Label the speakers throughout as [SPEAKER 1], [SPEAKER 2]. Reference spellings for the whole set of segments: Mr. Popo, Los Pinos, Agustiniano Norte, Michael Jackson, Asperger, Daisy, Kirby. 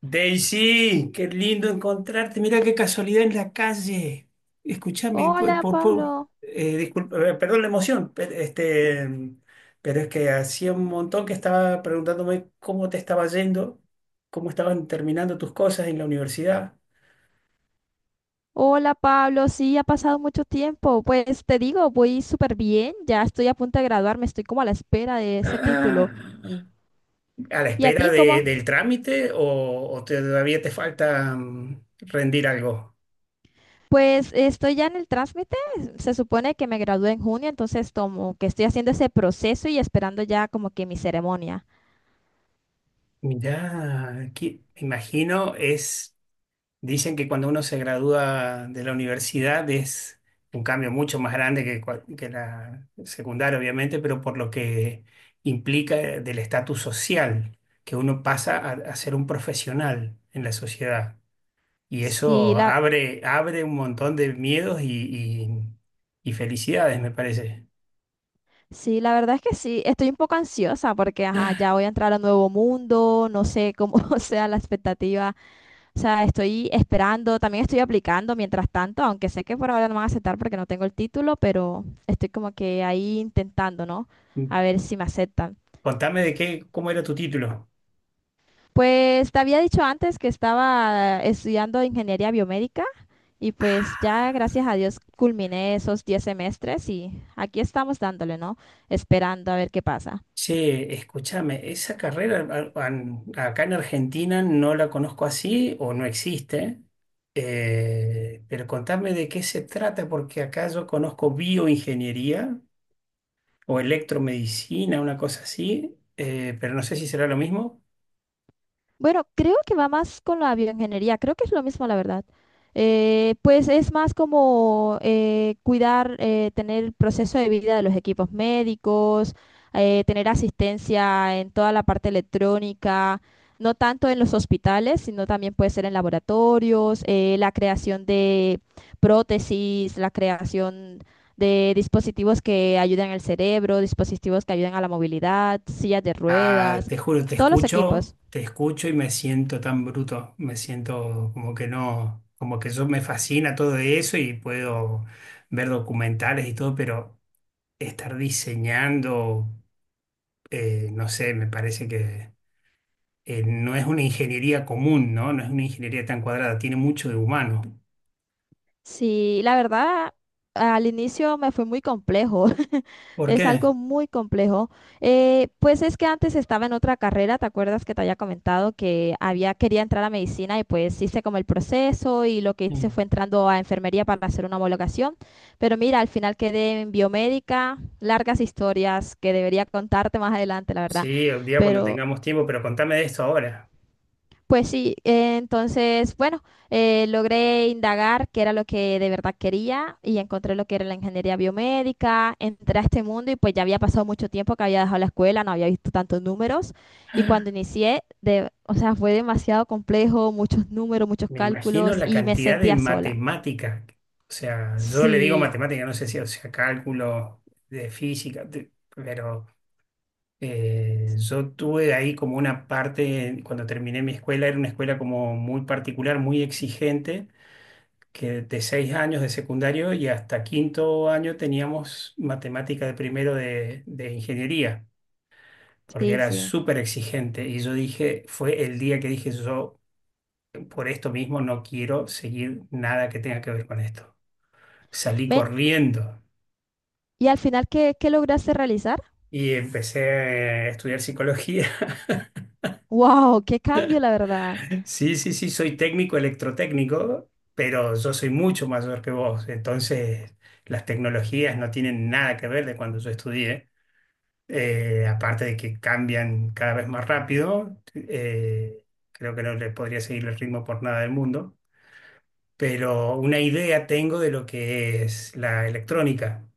[SPEAKER 1] Daisy, qué lindo encontrarte. Mira qué casualidad en la calle. Escúchame,
[SPEAKER 2] Hola Pablo,
[SPEAKER 1] disculpa, perdón la emoción, este, pero es que hacía un montón que estaba preguntándome cómo te estaba yendo, cómo estaban terminando tus cosas en la universidad.
[SPEAKER 2] sí, ha pasado mucho tiempo. Pues te digo, voy súper bien, ya estoy a punto de graduarme, estoy como a la espera de ese
[SPEAKER 1] Ah,
[SPEAKER 2] título.
[SPEAKER 1] ¿a la
[SPEAKER 2] ¿Y a
[SPEAKER 1] espera
[SPEAKER 2] ti cómo?
[SPEAKER 1] del trámite , o todavía te falta rendir algo?
[SPEAKER 2] Pues estoy ya en el trámite, se supone que me gradué en junio, entonces como que estoy haciendo ese proceso y esperando ya como que mi ceremonia.
[SPEAKER 1] Mirá, aquí, me imagino es. Dicen que cuando uno se gradúa de la universidad es un cambio mucho más grande que la secundaria, obviamente, pero por lo que implica del estatus social, que uno pasa a ser un profesional en la sociedad. Y
[SPEAKER 2] Sí,
[SPEAKER 1] eso
[SPEAKER 2] la,
[SPEAKER 1] abre un montón de miedos y- y felicidades, me parece.
[SPEAKER 2] sí, la verdad es que sí, estoy un poco ansiosa porque ajá, ya voy a entrar a un nuevo mundo, no sé cómo sea la expectativa. O sea, estoy esperando, también estoy aplicando mientras tanto, aunque sé que por ahora no me van a aceptar porque no tengo el título, pero estoy como que ahí intentando, ¿no?
[SPEAKER 1] Mm,
[SPEAKER 2] A ver si me aceptan.
[SPEAKER 1] Contame de qué, cómo era tu título.
[SPEAKER 2] Pues te había dicho antes que estaba estudiando ingeniería biomédica, y pues ya gracias a Dios culminé esos 10 semestres y aquí estamos dándole, ¿no? Esperando a ver qué pasa.
[SPEAKER 1] Che, escúchame, esa carrera acá en Argentina no la conozco así o no existe, pero contame de qué se trata, porque acá yo conozco bioingeniería o electromedicina, una cosa así, pero no sé si será lo mismo.
[SPEAKER 2] Bueno, creo que va más con la bioingeniería, creo que es lo mismo, la verdad. Pues es más como cuidar, tener el proceso de vida de los equipos médicos, tener asistencia en toda la parte electrónica, no tanto en los hospitales, sino también puede ser en laboratorios, la creación de prótesis, la creación de dispositivos que ayuden al cerebro, dispositivos que ayuden a la movilidad, sillas de
[SPEAKER 1] Ah,
[SPEAKER 2] ruedas,
[SPEAKER 1] te juro,
[SPEAKER 2] todos los equipos.
[SPEAKER 1] te escucho y me siento tan bruto, me siento como que no, como que yo me fascina todo eso y puedo ver documentales y todo, pero estar diseñando, no sé, me parece que no es una ingeniería común, ¿no? No es una ingeniería tan cuadrada, tiene mucho de humano.
[SPEAKER 2] Sí, la verdad, al inicio me fue muy complejo,
[SPEAKER 1] ¿Por
[SPEAKER 2] es
[SPEAKER 1] qué?
[SPEAKER 2] algo muy complejo. Pues es que antes estaba en otra carrera, ¿te acuerdas que te había comentado que había quería entrar a medicina y pues hice como el proceso y lo que hice
[SPEAKER 1] Mm.
[SPEAKER 2] fue entrando a enfermería para hacer una homologación? Pero mira, al final quedé en biomédica, largas historias que debería contarte más adelante, la verdad.
[SPEAKER 1] Sí, un día cuando
[SPEAKER 2] Pero
[SPEAKER 1] tengamos tiempo, pero contame de esto ahora.
[SPEAKER 2] pues sí, entonces, bueno, logré indagar qué era lo que de verdad quería y encontré lo que era la ingeniería biomédica, entré a este mundo y pues ya había pasado mucho tiempo que había dejado la escuela, no había visto tantos números y cuando inicié, o sea, fue demasiado complejo, muchos números, muchos
[SPEAKER 1] Me imagino
[SPEAKER 2] cálculos
[SPEAKER 1] la
[SPEAKER 2] y me
[SPEAKER 1] cantidad de
[SPEAKER 2] sentía sola.
[SPEAKER 1] matemática. O sea, yo le digo
[SPEAKER 2] Sí,
[SPEAKER 1] matemática, no sé si, o sea, cálculo de física, pero yo tuve ahí como una parte, cuando terminé mi escuela, era una escuela como muy particular, muy exigente que de 6 años de secundario y hasta quinto año teníamos matemática de primero de ingeniería, porque
[SPEAKER 2] sí,
[SPEAKER 1] era
[SPEAKER 2] sí.
[SPEAKER 1] súper exigente. Y yo dije, fue el día que dije, yo por esto mismo no quiero seguir nada que tenga que ver con esto. Salí
[SPEAKER 2] Ven,
[SPEAKER 1] corriendo.
[SPEAKER 2] y al final, ¿qué lograste realizar?
[SPEAKER 1] Y empecé a estudiar psicología.
[SPEAKER 2] ¡Wow! ¡Qué cambio, la verdad!
[SPEAKER 1] Sí, sí, sí, soy técnico electrotécnico, pero yo soy mucho mayor que vos. Entonces, las tecnologías no tienen nada que ver de cuando yo estudié. Aparte de que cambian cada vez más rápido, creo que no le podría seguir el ritmo por nada del mundo, pero una idea tengo de lo que es la electrónica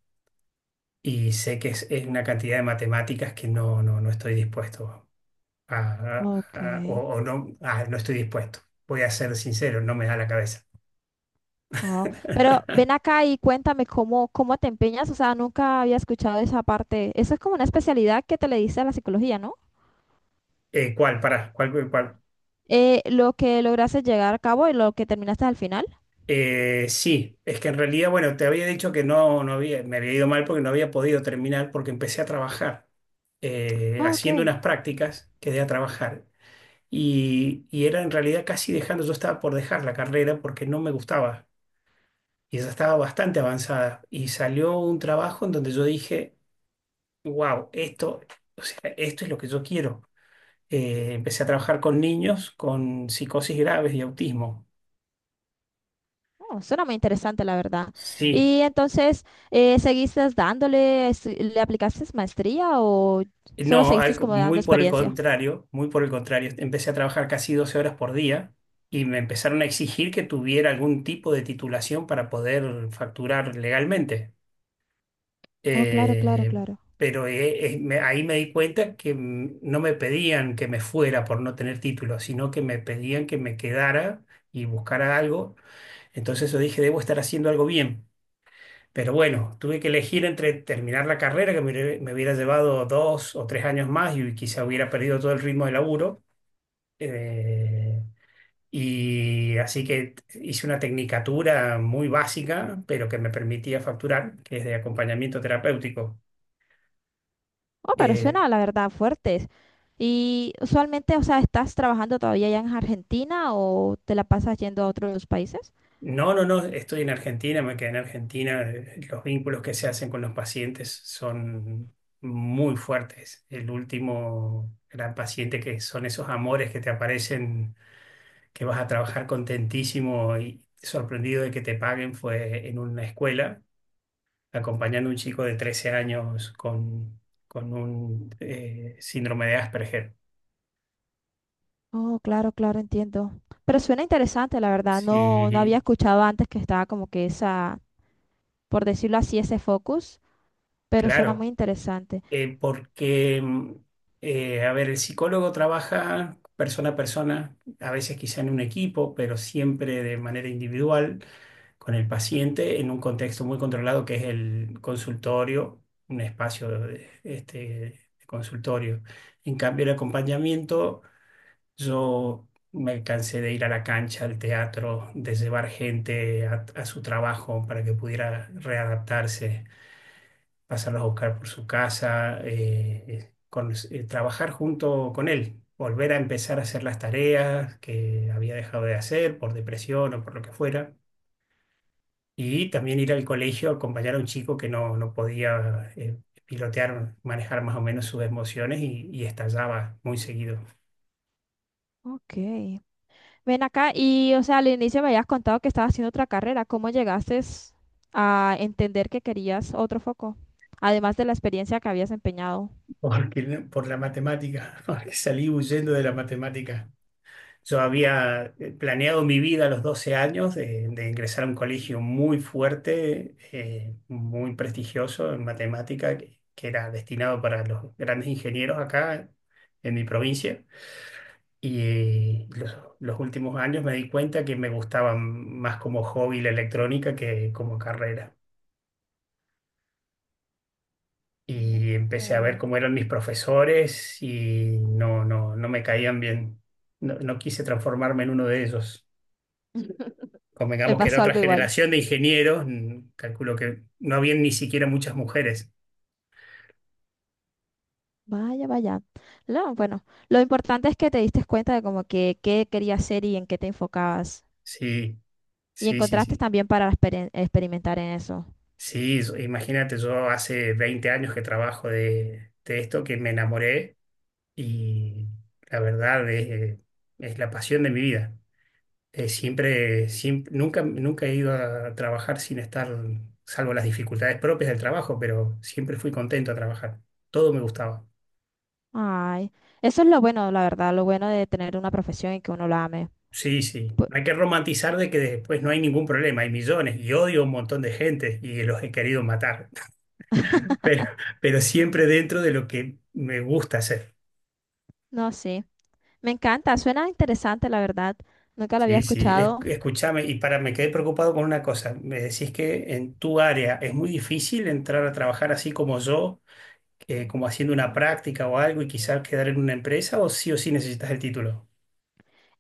[SPEAKER 1] y sé que es una cantidad de matemáticas que no estoy dispuesto a,
[SPEAKER 2] Ok.
[SPEAKER 1] a o no, no estoy dispuesto. Voy a ser sincero, no me da la cabeza.
[SPEAKER 2] Oh, pero ven acá y cuéntame cómo te empeñas. O sea, nunca había escuchado esa parte. Eso es como una especialidad que te le diste a la psicología, ¿no?
[SPEAKER 1] ¿Cuál? Pará, ¿cuál, cuál?
[SPEAKER 2] Lo que lograste llegar a cabo y lo que terminaste al final.
[SPEAKER 1] Sí, es que en realidad, bueno, te había dicho que no, no había, me había ido mal porque no había podido terminar porque empecé a trabajar
[SPEAKER 2] Ah, ok.
[SPEAKER 1] haciendo unas prácticas, quedé a trabajar y era en realidad casi dejando, yo estaba por dejar la carrera porque no me gustaba y ya estaba bastante avanzada y salió un trabajo en donde yo dije, wow, esto, o sea, esto es lo que yo quiero. Empecé a trabajar con niños con psicosis graves y autismo.
[SPEAKER 2] Oh, suena muy interesante, la verdad.
[SPEAKER 1] Sí.
[SPEAKER 2] Y entonces, ¿seguiste dándole, le aplicaste maestría o solo
[SPEAKER 1] No,
[SPEAKER 2] seguiste como dando
[SPEAKER 1] muy por el
[SPEAKER 2] experiencia?
[SPEAKER 1] contrario, muy por el contrario. Empecé a trabajar casi 12 horas por día y me empezaron a exigir que tuviera algún tipo de titulación para poder facturar legalmente.
[SPEAKER 2] Oh, claro, claro,
[SPEAKER 1] Eh,
[SPEAKER 2] claro.
[SPEAKER 1] pero ahí me di cuenta que no me pedían que me fuera por no tener título, sino que me pedían que me quedara y buscara algo. Entonces yo dije, debo estar haciendo algo bien. Pero bueno, tuve que elegir entre terminar la carrera, que me hubiera llevado 2 o 3 años más y quizá hubiera perdido todo el ritmo de laburo. Eh, y así que hice una tecnicatura muy básica, pero que me permitía facturar, que es de acompañamiento terapéutico.
[SPEAKER 2] Oh, pero
[SPEAKER 1] Eh,
[SPEAKER 2] suena, la verdad, fuertes. Y usualmente, o sea, ¿estás trabajando todavía allá en Argentina o te la pasas yendo a otros países?
[SPEAKER 1] no, no, no, estoy en Argentina, me quedé en Argentina. Los vínculos que se hacen con los pacientes son muy fuertes. El último gran paciente que son esos amores que te aparecen que vas a trabajar contentísimo y sorprendido de que te paguen fue en una escuela, acompañando a un chico de 13 años con un síndrome de Asperger.
[SPEAKER 2] Oh, claro, claro, entiendo. Pero suena interesante, la verdad. No, no
[SPEAKER 1] Sí,
[SPEAKER 2] había escuchado antes que estaba como que esa, por decirlo así, ese focus, pero suena muy
[SPEAKER 1] claro,
[SPEAKER 2] interesante.
[SPEAKER 1] porque, a ver, el psicólogo trabaja persona a persona, a veces quizá en un equipo, pero siempre de manera individual con el paciente en un contexto muy controlado que es el consultorio, un espacio de consultorio. En cambio, el acompañamiento, yo me cansé de ir a la cancha, al teatro, de llevar gente a su trabajo para que pudiera readaptarse pasarlos a buscar por su casa, trabajar junto con él, volver a empezar a hacer las tareas que había dejado de hacer por depresión o por lo que fuera, y también ir al colegio a acompañar a un chico que no podía pilotear, manejar más o menos sus emociones y estallaba muy seguido.
[SPEAKER 2] Ok. Ven acá y, o sea, al inicio me habías contado que estabas haciendo otra carrera. ¿Cómo llegaste a entender que querías otro foco? Además de la experiencia que habías empeñado.
[SPEAKER 1] Porque, por la matemática, porque salí huyendo de la matemática. Yo había planeado mi vida a los 12 años de ingresar a un colegio muy fuerte, muy prestigioso en matemática, que era destinado para los grandes ingenieros acá en mi provincia. Y los últimos años me di cuenta que me gustaba más como hobby la electrónica que como carrera. Y empecé a ver
[SPEAKER 2] Oh.
[SPEAKER 1] cómo eran mis profesores y no me caían bien. No quise transformarme en uno de ellos.
[SPEAKER 2] Me
[SPEAKER 1] Convengamos que era
[SPEAKER 2] pasó
[SPEAKER 1] otra
[SPEAKER 2] algo igual.
[SPEAKER 1] generación de ingenieros, calculo que no había ni siquiera muchas mujeres.
[SPEAKER 2] Vaya, vaya. No, bueno, lo importante es que te diste cuenta de como que qué querías hacer y en qué te enfocabas.
[SPEAKER 1] Sí,
[SPEAKER 2] Y
[SPEAKER 1] sí, sí,
[SPEAKER 2] encontraste
[SPEAKER 1] sí.
[SPEAKER 2] también para experimentar en eso.
[SPEAKER 1] Sí, imagínate, yo hace 20 años que trabajo de esto, que me enamoré y la verdad es la pasión de mi vida. Siempre, siempre, nunca, nunca he ido a trabajar sin estar, salvo las dificultades propias del trabajo, pero siempre fui contento a trabajar. Todo me gustaba.
[SPEAKER 2] Ay, eso es lo bueno, la verdad, lo bueno de tener una profesión y que uno la ame.
[SPEAKER 1] Sí, sí.
[SPEAKER 2] Pu-
[SPEAKER 1] No hay que romantizar de que después no hay ningún problema, hay millones y odio a un montón de gente y los he querido matar, pero, pero siempre dentro de lo que me gusta hacer.
[SPEAKER 2] no, sí. Me encanta, suena interesante, la verdad. Nunca lo había
[SPEAKER 1] Sí, sí.
[SPEAKER 2] escuchado.
[SPEAKER 1] Escúchame, y para, me quedé preocupado con una cosa. Me decís que en tu área es muy difícil entrar a trabajar así como yo, como haciendo una práctica o algo y quizás quedar en una empresa o sí necesitas el título.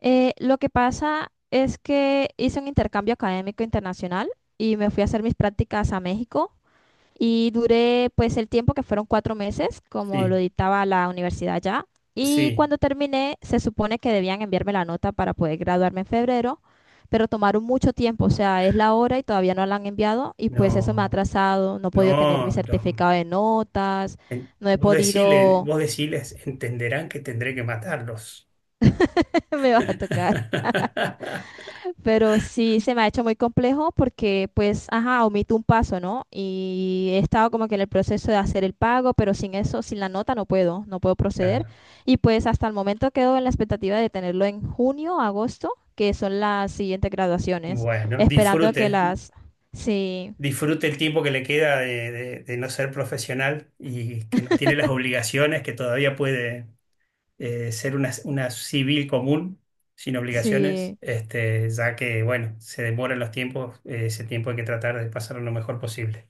[SPEAKER 2] Lo que pasa es que hice un intercambio académico internacional y me fui a hacer mis prácticas a México. Y duré pues el tiempo que fueron 4 meses, como lo
[SPEAKER 1] Sí,
[SPEAKER 2] dictaba la universidad ya. Y
[SPEAKER 1] sí.
[SPEAKER 2] cuando terminé, se supone que debían enviarme la nota para poder graduarme en febrero, pero tomaron mucho tiempo, o sea, es la hora y todavía no la han enviado y pues eso me ha
[SPEAKER 1] No,
[SPEAKER 2] atrasado, no he podido tener mi
[SPEAKER 1] no,
[SPEAKER 2] certificado de notas, no he
[SPEAKER 1] Vos
[SPEAKER 2] podido,
[SPEAKER 1] vos deciles, entenderán que tendré que matarlos.
[SPEAKER 2] me va a tocar. Pero sí se me ha hecho muy complejo porque, pues, ajá, omito un paso, ¿no? Y he estado como que en el proceso de hacer el pago, pero sin eso, sin la nota, no puedo proceder.
[SPEAKER 1] Claro.
[SPEAKER 2] Y pues hasta el momento quedo en la expectativa de tenerlo en junio, agosto, que son las siguientes graduaciones,
[SPEAKER 1] Bueno,
[SPEAKER 2] esperando que
[SPEAKER 1] disfrute,
[SPEAKER 2] las... Sí,
[SPEAKER 1] disfrute el tiempo que le queda de no ser profesional y que no tiene las obligaciones, que todavía puede ser una civil común sin obligaciones,
[SPEAKER 2] sí,
[SPEAKER 1] este, ya que, bueno, se demoran los tiempos, ese tiempo hay que tratar de pasarlo lo mejor posible.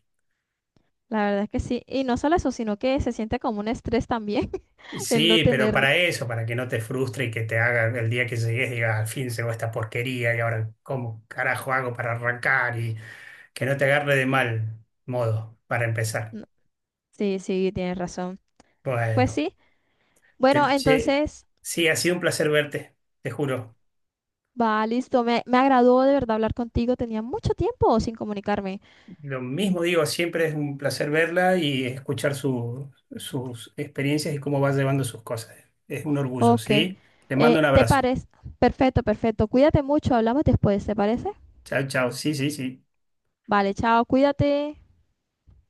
[SPEAKER 2] la verdad es que sí. Y no solo eso, sino que se siente como un estrés también el no
[SPEAKER 1] Sí, pero
[SPEAKER 2] tener...
[SPEAKER 1] para eso, para que no te frustre y que te haga el día que llegues, digas, al fin se llegó esta porquería y ahora, ¿cómo carajo hago para arrancar? Y que no te agarre de mal modo para empezar.
[SPEAKER 2] no- Sí, sí, tienes razón. Pues
[SPEAKER 1] Bueno,
[SPEAKER 2] sí. Bueno,
[SPEAKER 1] che,
[SPEAKER 2] entonces...
[SPEAKER 1] sí, ha sido un placer verte, te juro.
[SPEAKER 2] Va, listo. Me agradó de verdad hablar contigo. Tenía mucho tiempo sin comunicarme.
[SPEAKER 1] Lo mismo digo, siempre es un placer verla y escuchar sus experiencias y cómo va llevando sus cosas. Es un orgullo,
[SPEAKER 2] Ok.
[SPEAKER 1] ¿sí? Te mando un
[SPEAKER 2] ¿Te
[SPEAKER 1] abrazo.
[SPEAKER 2] parece? Perfecto, perfecto. Cuídate mucho. Hablamos después, ¿te parece?
[SPEAKER 1] Chao, chao. Sí, sí, sí.
[SPEAKER 2] Vale, chao. Cuídate.